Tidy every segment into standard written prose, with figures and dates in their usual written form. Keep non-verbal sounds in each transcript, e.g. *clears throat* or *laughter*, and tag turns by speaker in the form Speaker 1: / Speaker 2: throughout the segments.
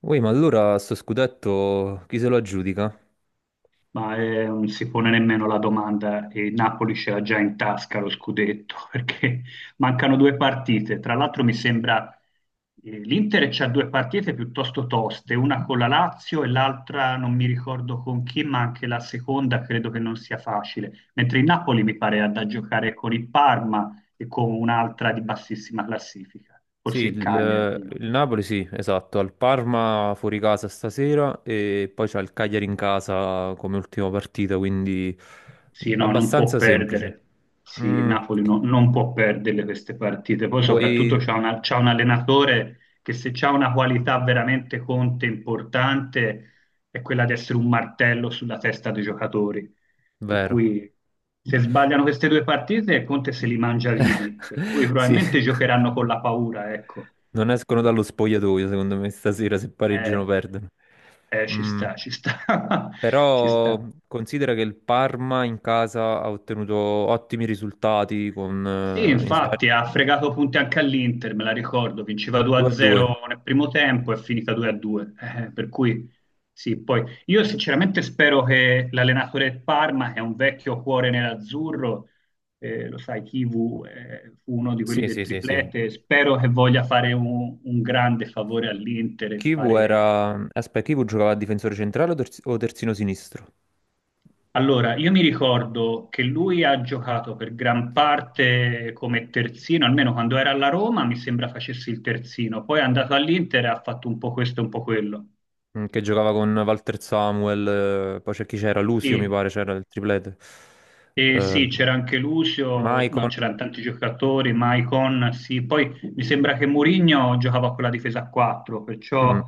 Speaker 1: Ui, ma allora sto scudetto chi se lo aggiudica?
Speaker 2: Non si pone nemmeno la domanda e il Napoli ce l'ha già in tasca lo scudetto *laughs* perché mancano due partite. Tra l'altro mi sembra l'Inter c'ha due partite piuttosto toste, una con la Lazio e l'altra non mi ricordo con chi, ma anche la seconda credo che non sia facile. Mentre il Napoli mi pare ha da giocare con il Parma e con un'altra di bassissima classifica,
Speaker 1: Sì,
Speaker 2: forse il Cagliari.
Speaker 1: il, il Napoli sì, esatto, al Parma fuori casa stasera e poi c'ha il Cagliari in casa come ultima partita, quindi
Speaker 2: Sì, no, non può
Speaker 1: abbastanza semplice.
Speaker 2: perdere. Sì, il
Speaker 1: Mm,
Speaker 2: Napoli non può perdere queste partite. Poi soprattutto
Speaker 1: vuoi...
Speaker 2: c'ha un allenatore che se c'ha una qualità veramente Conte importante è quella di essere un martello sulla testa dei giocatori. Per
Speaker 1: Vero.
Speaker 2: cui se sbagliano queste due partite Conte se li mangia vivi, per cui
Speaker 1: *laughs* Sì,
Speaker 2: probabilmente giocheranno con la paura, ecco.
Speaker 1: non escono dallo spogliatoio secondo me stasera se pareggiano
Speaker 2: Eh,
Speaker 1: perdono. Mm.
Speaker 2: ci sta, *laughs* ci
Speaker 1: Però
Speaker 2: sta.
Speaker 1: considera che il Parma in casa ha ottenuto ottimi risultati con
Speaker 2: Sì,
Speaker 1: in Svezia
Speaker 2: infatti ha fregato punti anche all'Inter, me la ricordo, vinceva
Speaker 1: 2-2.
Speaker 2: 2-0 nel primo tempo e è finita 2-2. Per cui sì, poi io sinceramente spero che l'allenatore del Parma, che è un vecchio cuore nerazzurro, lo sai, Kivu fu uno di quelli
Speaker 1: Sì,
Speaker 2: del
Speaker 1: sì, sì, sì.
Speaker 2: triplete, spero che voglia fare un grande favore all'Inter e
Speaker 1: Kivu
Speaker 2: fare.
Speaker 1: era... Aspetta, Kivu giocava a difensore centrale o, o terzino sinistro?
Speaker 2: Allora, io mi ricordo che lui ha giocato per gran parte come terzino, almeno quando era alla Roma, mi sembra facesse il terzino. Poi è andato all'Inter e ha fatto un po' questo e un po' quello.
Speaker 1: Mm, che giocava con Walter Samuel, poi c'è chi c'era, Lucio mi
Speaker 2: Sì,
Speaker 1: pare, c'era il triplete.
Speaker 2: e
Speaker 1: Eh,
Speaker 2: sì, c'era anche Lucio, no,
Speaker 1: Maicon,
Speaker 2: c'erano tanti giocatori, Maicon, sì. Poi mi sembra che Mourinho giocava con la difesa a 4,
Speaker 1: mm,
Speaker 2: perciò,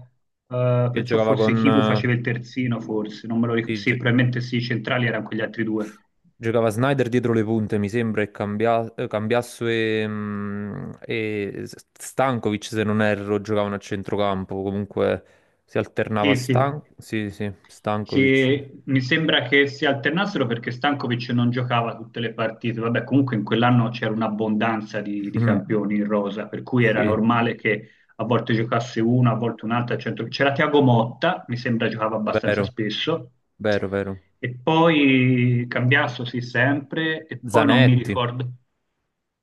Speaker 1: che
Speaker 2: perciò
Speaker 1: giocava
Speaker 2: forse
Speaker 1: con...
Speaker 2: Chivu faceva il terzino, forse, non me lo ricordo.
Speaker 1: sì,
Speaker 2: Sì, probabilmente sì, i centrali erano quegli altri due.
Speaker 1: Giocava Snyder dietro le punte, mi sembra, e Cambiasso e, mm, e Stankovic, se non erro, giocavano a centrocampo. Comunque si alternava
Speaker 2: Sì, sì.
Speaker 1: Stan... Sì, sì, Stankovic.
Speaker 2: Sì, mi sembra che si alternassero perché Stankovic non giocava tutte le partite. Vabbè, comunque in quell'anno c'era un'abbondanza
Speaker 1: *laughs*
Speaker 2: di
Speaker 1: Mm,
Speaker 2: campioni in rosa, per cui era
Speaker 1: sì,
Speaker 2: normale che a volte giocasse una, a volte un'altra. C'era Tiago Motta, mi sembra giocava abbastanza
Speaker 1: vero,
Speaker 2: spesso,
Speaker 1: vero, vero.
Speaker 2: e poi Cambiasso sì sempre, e poi non mi
Speaker 1: Zanetti.
Speaker 2: ricordo.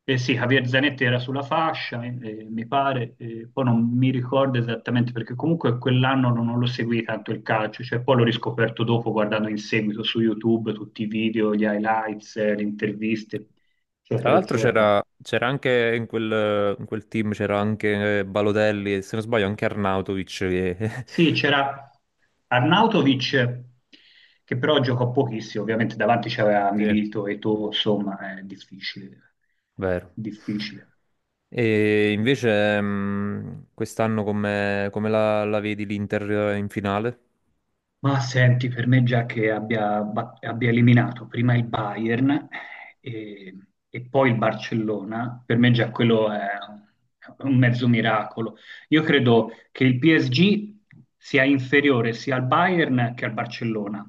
Speaker 2: Eh sì, Javier Zanetti era sulla fascia, mi pare, poi non mi ricordo esattamente perché comunque quell'anno non, non lo seguì tanto il calcio, cioè poi l'ho riscoperto dopo guardando in seguito su YouTube tutti i video, gli highlights, le interviste,
Speaker 1: Tra
Speaker 2: eccetera,
Speaker 1: l'altro
Speaker 2: eccetera.
Speaker 1: c'era anche in quel team, c'era anche Balotelli e se non sbaglio anche Arnautovic che...
Speaker 2: Sì,
Speaker 1: *laughs*
Speaker 2: c'era Arnautovic, che però giocò pochissimo, ovviamente davanti c'era
Speaker 1: Sì.
Speaker 2: Milito e Eto'o, insomma, è difficile,
Speaker 1: Vero.
Speaker 2: difficile.
Speaker 1: E invece quest'anno come, come la, la vedi l'Inter in finale?
Speaker 2: Ma senti, per me già che abbia eliminato prima il Bayern e, e poi il Barcellona, per me già quello è un mezzo miracolo. Io credo che il PSG sia inferiore sia al Bayern che al Barcellona,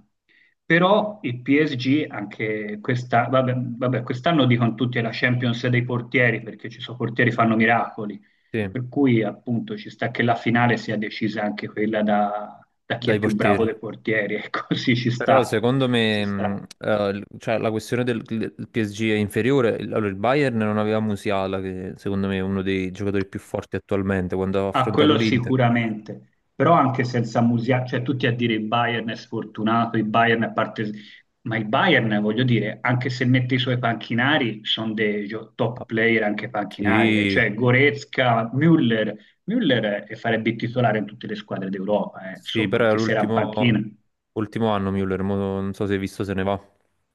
Speaker 2: però il PSG anche questa, vabbè, vabbè, quest'anno dicono tutti è la Champions dei portieri perché ci sono portieri che fanno miracoli,
Speaker 1: Sì,
Speaker 2: per cui appunto ci sta che la finale sia decisa anche quella da, da chi
Speaker 1: dai
Speaker 2: è più bravo
Speaker 1: portieri.
Speaker 2: dei portieri, e così *laughs* ci
Speaker 1: Però
Speaker 2: sta,
Speaker 1: secondo
Speaker 2: ci
Speaker 1: me
Speaker 2: sta.
Speaker 1: cioè, la questione del PSG è inferiore. Allora, il Bayern non aveva Musiala, che secondo me è uno dei giocatori più forti attualmente quando ha
Speaker 2: A
Speaker 1: affrontato
Speaker 2: quello
Speaker 1: l'Inter.
Speaker 2: sicuramente, però anche senza Musiala, cioè tutti a dire il Bayern è sfortunato, il Bayern è parte... Ma il Bayern, voglio dire, anche se mette i suoi panchinari, sono dei
Speaker 1: Ah,
Speaker 2: top player anche panchinari, eh.
Speaker 1: sì,
Speaker 2: Cioè Goretzka, Müller, Müller farebbe il titolare in tutte le squadre d'Europa, eh.
Speaker 1: sì,
Speaker 2: Insomma,
Speaker 1: però era
Speaker 2: anche se era in
Speaker 1: l'ultimo
Speaker 2: panchina.
Speaker 1: ultimo anno Müller, mo non so se hai visto se ne va.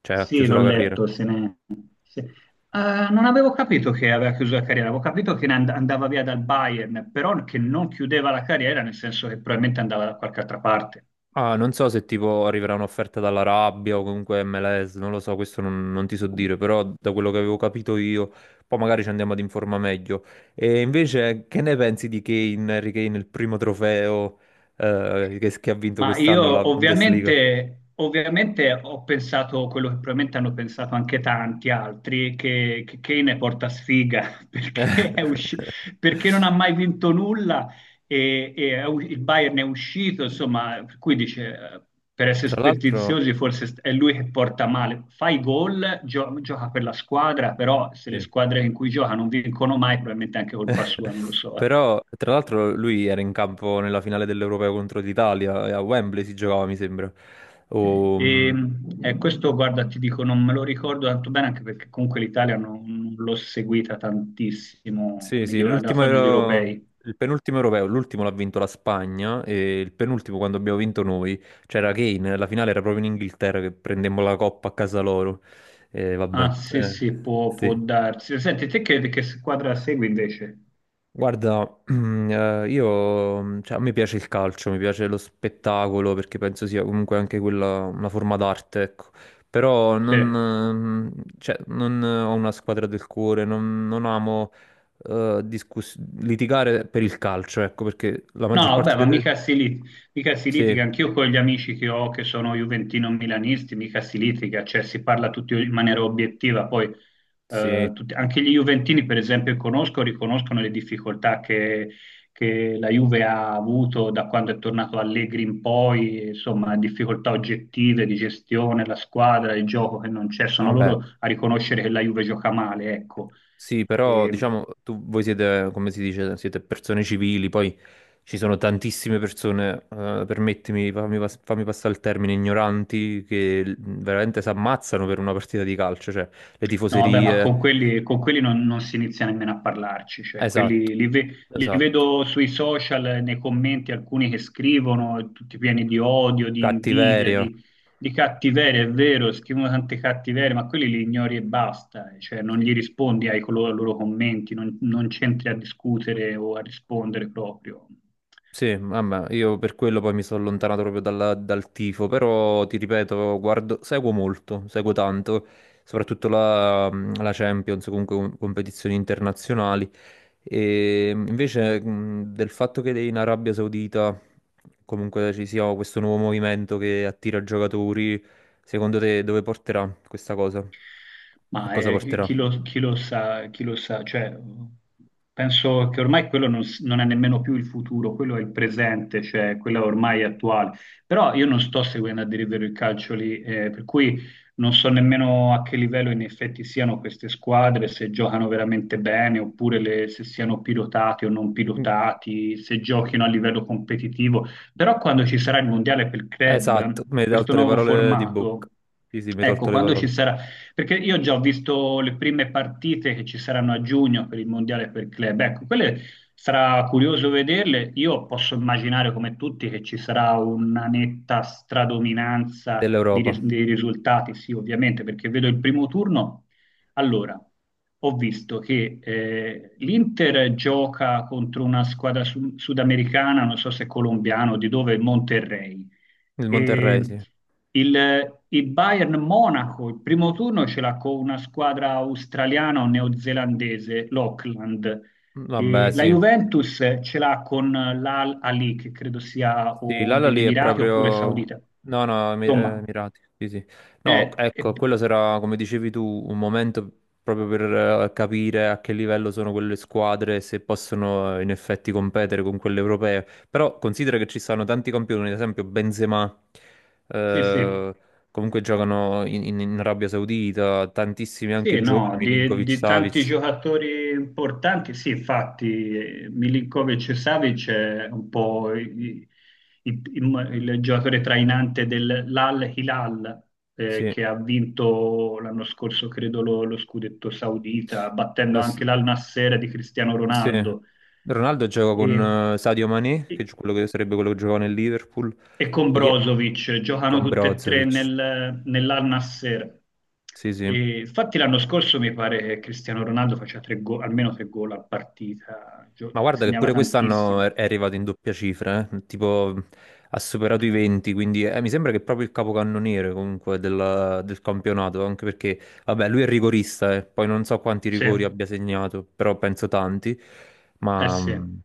Speaker 1: Cioè, ha
Speaker 2: Sì,
Speaker 1: chiuso
Speaker 2: l'ho
Speaker 1: la carriera.
Speaker 2: letto. Se ne... se- Non avevo capito che aveva chiuso la carriera, avevo capito che andava via dal Bayern, però che non chiudeva la carriera, nel senso che probabilmente andava da qualche altra parte.
Speaker 1: Ah, non so se tipo arriverà un'offerta dall'Arabia o comunque MLS, non lo so, questo non, non ti so dire, però da quello che avevo capito io, poi magari ci andiamo ad informare meglio. E invece, che ne pensi di Kane, Harry Kane, il primo trofeo che ha vinto
Speaker 2: Ma
Speaker 1: quest'anno la
Speaker 2: io
Speaker 1: Bundesliga?
Speaker 2: ovviamente, ovviamente ho pensato quello che probabilmente hanno pensato anche tanti altri, che Kane porta sfiga *laughs* perché
Speaker 1: *laughs*
Speaker 2: non ha mai vinto nulla e il Bayern è uscito, insomma, per cui dice, per essere
Speaker 1: Tra l'altro,
Speaker 2: superstiziosi è lui che porta male. Fa i gol, gioca per la squadra, però se le
Speaker 1: sì.
Speaker 2: squadre in cui gioca non vincono mai, probabilmente è anche colpa sua, non lo
Speaker 1: *laughs*
Speaker 2: so. Eh.
Speaker 1: Però, tra l'altro, lui era in campo nella finale dell'Europeo contro l'Italia, e a Wembley si giocava, mi sembra. O, mm,
Speaker 2: E, questo, guarda, ti dico, non me lo ricordo tanto bene, anche perché comunque l'Italia non, non l'ho seguita tantissimo
Speaker 1: sì, sì,
Speaker 2: negli europei.
Speaker 1: il penultimo europeo, l'ultimo l'ha vinto la Spagna e il penultimo quando abbiamo vinto noi c'era Kane, la finale era proprio in Inghilterra che prendemmo la coppa a casa loro. E vabbè,
Speaker 2: Ah, sì, sì, può, può
Speaker 1: sì.
Speaker 2: darsi. Senti, te che squadra segui invece?
Speaker 1: Guarda, *clears throat* io, cioè, a me piace il calcio, mi piace lo spettacolo perché penso sia comunque anche quella una forma d'arte, ecco. Però
Speaker 2: Sì.
Speaker 1: non, cioè, non ho una squadra del cuore, non, non amo eh, discuss- litigare per il calcio, ecco, perché la
Speaker 2: No,
Speaker 1: maggior parte
Speaker 2: vabbè, ma
Speaker 1: delle...
Speaker 2: mica si
Speaker 1: Sì,
Speaker 2: litiga, anch'io con gli amici che ho che sono juventino-milanisti, mica si litiga, cioè si parla tutti in maniera obiettiva, poi
Speaker 1: sì,
Speaker 2: anche gli juventini per esempio conosco, riconoscono le difficoltà che la Juve ha avuto da quando è tornato Allegri in poi, insomma difficoltà oggettive di gestione, la squadra, il gioco che non c'è, sono
Speaker 1: vabbè.
Speaker 2: loro a riconoscere che la Juve gioca male, ecco.
Speaker 1: Sì, però diciamo, tu, voi siete, come si dice, siete persone civili, poi ci sono tantissime persone, permettimi, fammi passare il termine, ignoranti, che veramente si ammazzano per una partita di calcio, cioè le
Speaker 2: No, vabbè, ma
Speaker 1: tifoserie,
Speaker 2: con quelli non si inizia nemmeno a parlarci, cioè
Speaker 1: esatto,
Speaker 2: quelli li
Speaker 1: esatto,
Speaker 2: vedo sui social, nei commenti, alcuni che scrivono, tutti pieni di odio, di invidia,
Speaker 1: cattiveria.
Speaker 2: di cattiveria, è vero, scrivono tante cattiverie, ma quelli li ignori e basta, cioè non gli rispondi ai loro commenti, non, non c'entri a discutere o a rispondere proprio.
Speaker 1: Sì, vabbè, io per quello poi mi sono allontanato proprio dal tifo, però ti ripeto, guardo, seguo molto, seguo tanto, soprattutto la, la Champions, comunque competizioni internazionali. E invece del fatto che in Arabia Saudita comunque ci sia questo nuovo movimento che attira giocatori, secondo te dove porterà questa cosa? A
Speaker 2: Ma
Speaker 1: cosa porterà?
Speaker 2: chi lo sa, cioè, penso che ormai quello non, s- non è nemmeno più il futuro, quello è il presente, cioè quello ormai è attuale. Però io non sto seguendo a dire il vero il calcio lì, per cui non so nemmeno a che livello in effetti siano queste squadre, se giocano veramente bene, oppure se siano pilotati o non
Speaker 1: Mm,
Speaker 2: pilotati, se giochino a livello competitivo. Però quando ci sarà il mondiale per il
Speaker 1: esatto,
Speaker 2: club,
Speaker 1: mi hai
Speaker 2: questo
Speaker 1: tolto le
Speaker 2: nuovo
Speaker 1: parole di bocca.
Speaker 2: formato,
Speaker 1: Sì, sì, mi hai tolto
Speaker 2: ecco,
Speaker 1: le
Speaker 2: quando ci
Speaker 1: parole.
Speaker 2: sarà perché io già ho visto le prime partite che ci saranno a giugno per il mondiale per club, ecco, quelle sarà curioso vederle, io posso immaginare come tutti che ci sarà una netta stradominanza
Speaker 1: Dell'Europa.
Speaker 2: dei risultati, sì ovviamente, perché vedo il primo turno, allora, ho visto che l'Inter gioca contro una squadra sudamericana, non so se colombiana o di dove, Monterrey.
Speaker 1: Il
Speaker 2: E
Speaker 1: Monterrey, sì.
Speaker 2: il Bayern Monaco, il primo turno ce l'ha con una squadra australiana o neozelandese, l'Auckland.
Speaker 1: Vabbè,
Speaker 2: E la
Speaker 1: sì.
Speaker 2: Juventus ce l'ha con l'Al Ali, che credo sia
Speaker 1: Sì,
Speaker 2: o degli
Speaker 1: l'Al-Ahly è
Speaker 2: Emirati oppure
Speaker 1: proprio...
Speaker 2: Saudita.
Speaker 1: No, no,
Speaker 2: Insomma,
Speaker 1: Emirati, sì, sì. No,
Speaker 2: eh, eh,
Speaker 1: ecco, quello sarà, come dicevi tu, un momento proprio per capire a che livello sono quelle squadre, e se possono in effetti competere con quelle europee. Però considera che ci stanno tanti campioni, ad esempio Benzema,
Speaker 2: sì, sì.
Speaker 1: eh, comunque giocano in, in Arabia Saudita, tantissimi
Speaker 2: Sì,
Speaker 1: anche giovani,
Speaker 2: no, di tanti
Speaker 1: Milinkovic-Savic,
Speaker 2: giocatori importanti, sì, infatti Milinkovic e Savic è un po' il giocatore trainante dell'Al Hilal
Speaker 1: sì.
Speaker 2: che ha vinto l'anno scorso, credo, lo scudetto saudita, battendo
Speaker 1: La,
Speaker 2: anche l'Al Nassr di Cristiano
Speaker 1: sì.
Speaker 2: Ronaldo.
Speaker 1: Ronaldo gioca
Speaker 2: E-
Speaker 1: con Sadio Mané, che è quello che sarebbe quello che giocava nel Liverpool.
Speaker 2: e con
Speaker 1: Poi chi è?
Speaker 2: Brozovic, giocano
Speaker 1: Con
Speaker 2: tutte e tre
Speaker 1: Brozovic.
Speaker 2: nell'Al-Nassr.
Speaker 1: Sì, sì.
Speaker 2: E infatti l'anno scorso mi pare che Cristiano Ronaldo faceva almeno tre gol a partita,
Speaker 1: Ma guarda che
Speaker 2: segnava
Speaker 1: pure quest'anno
Speaker 2: tantissimo.
Speaker 1: è arrivato in doppia cifra, eh. Tipo ha superato i 20, quindi mi sembra che è proprio il capocannoniere comunque del campionato, anche perché, vabbè, lui è rigorista, eh. Poi non so quanti
Speaker 2: Sì,
Speaker 1: rigori
Speaker 2: eh
Speaker 1: abbia segnato, però penso tanti, ma
Speaker 2: sì.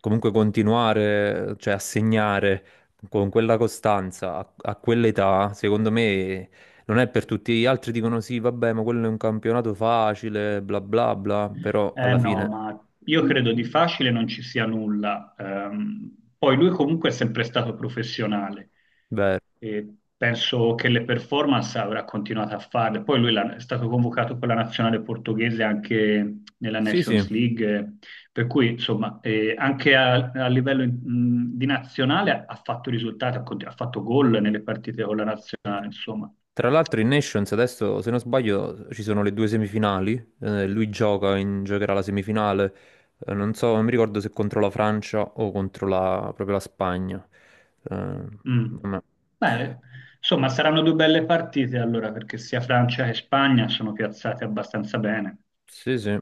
Speaker 1: comunque continuare, cioè a segnare con quella costanza a, a quell'età, secondo me non è per tutti. Gli altri dicono sì, vabbè, ma quello è un campionato facile, bla bla bla, però
Speaker 2: Eh
Speaker 1: alla
Speaker 2: no,
Speaker 1: fine...
Speaker 2: ma io credo di facile non ci sia nulla. Poi lui comunque è sempre stato professionale
Speaker 1: Vero.
Speaker 2: e penso che le performance avrà continuato a farle. Poi è stato convocato con la nazionale portoghese anche nella
Speaker 1: Sì, sì.
Speaker 2: Nations League, per cui insomma anche a, a livello di nazionale ha fatto risultati, ha fatto gol nelle partite con la nazionale, insomma.
Speaker 1: Tra l'altro in Nations adesso, se non sbaglio, ci sono le due semifinali. Lui gioca, giocherà la semifinale. Non so, non mi ricordo se contro la Francia o contro la, proprio la Spagna. Eh,
Speaker 2: Mm.
Speaker 1: vabbè.
Speaker 2: Beh, insomma, saranno due belle partite allora, perché sia Francia che Spagna sono piazzate abbastanza bene.
Speaker 1: Sì, sì.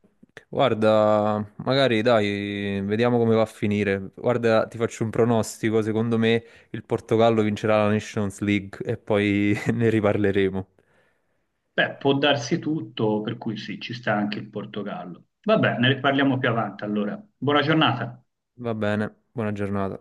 Speaker 1: Guarda, magari dai, vediamo come va a finire. Guarda, ti faccio un pronostico. Secondo me il Portogallo vincerà la Nations League e poi *laughs* ne riparleremo.
Speaker 2: Beh, può darsi tutto, per cui sì, ci sta anche il Portogallo. Vabbè, ne riparliamo più avanti allora. Buona giornata.
Speaker 1: Va bene, buona giornata.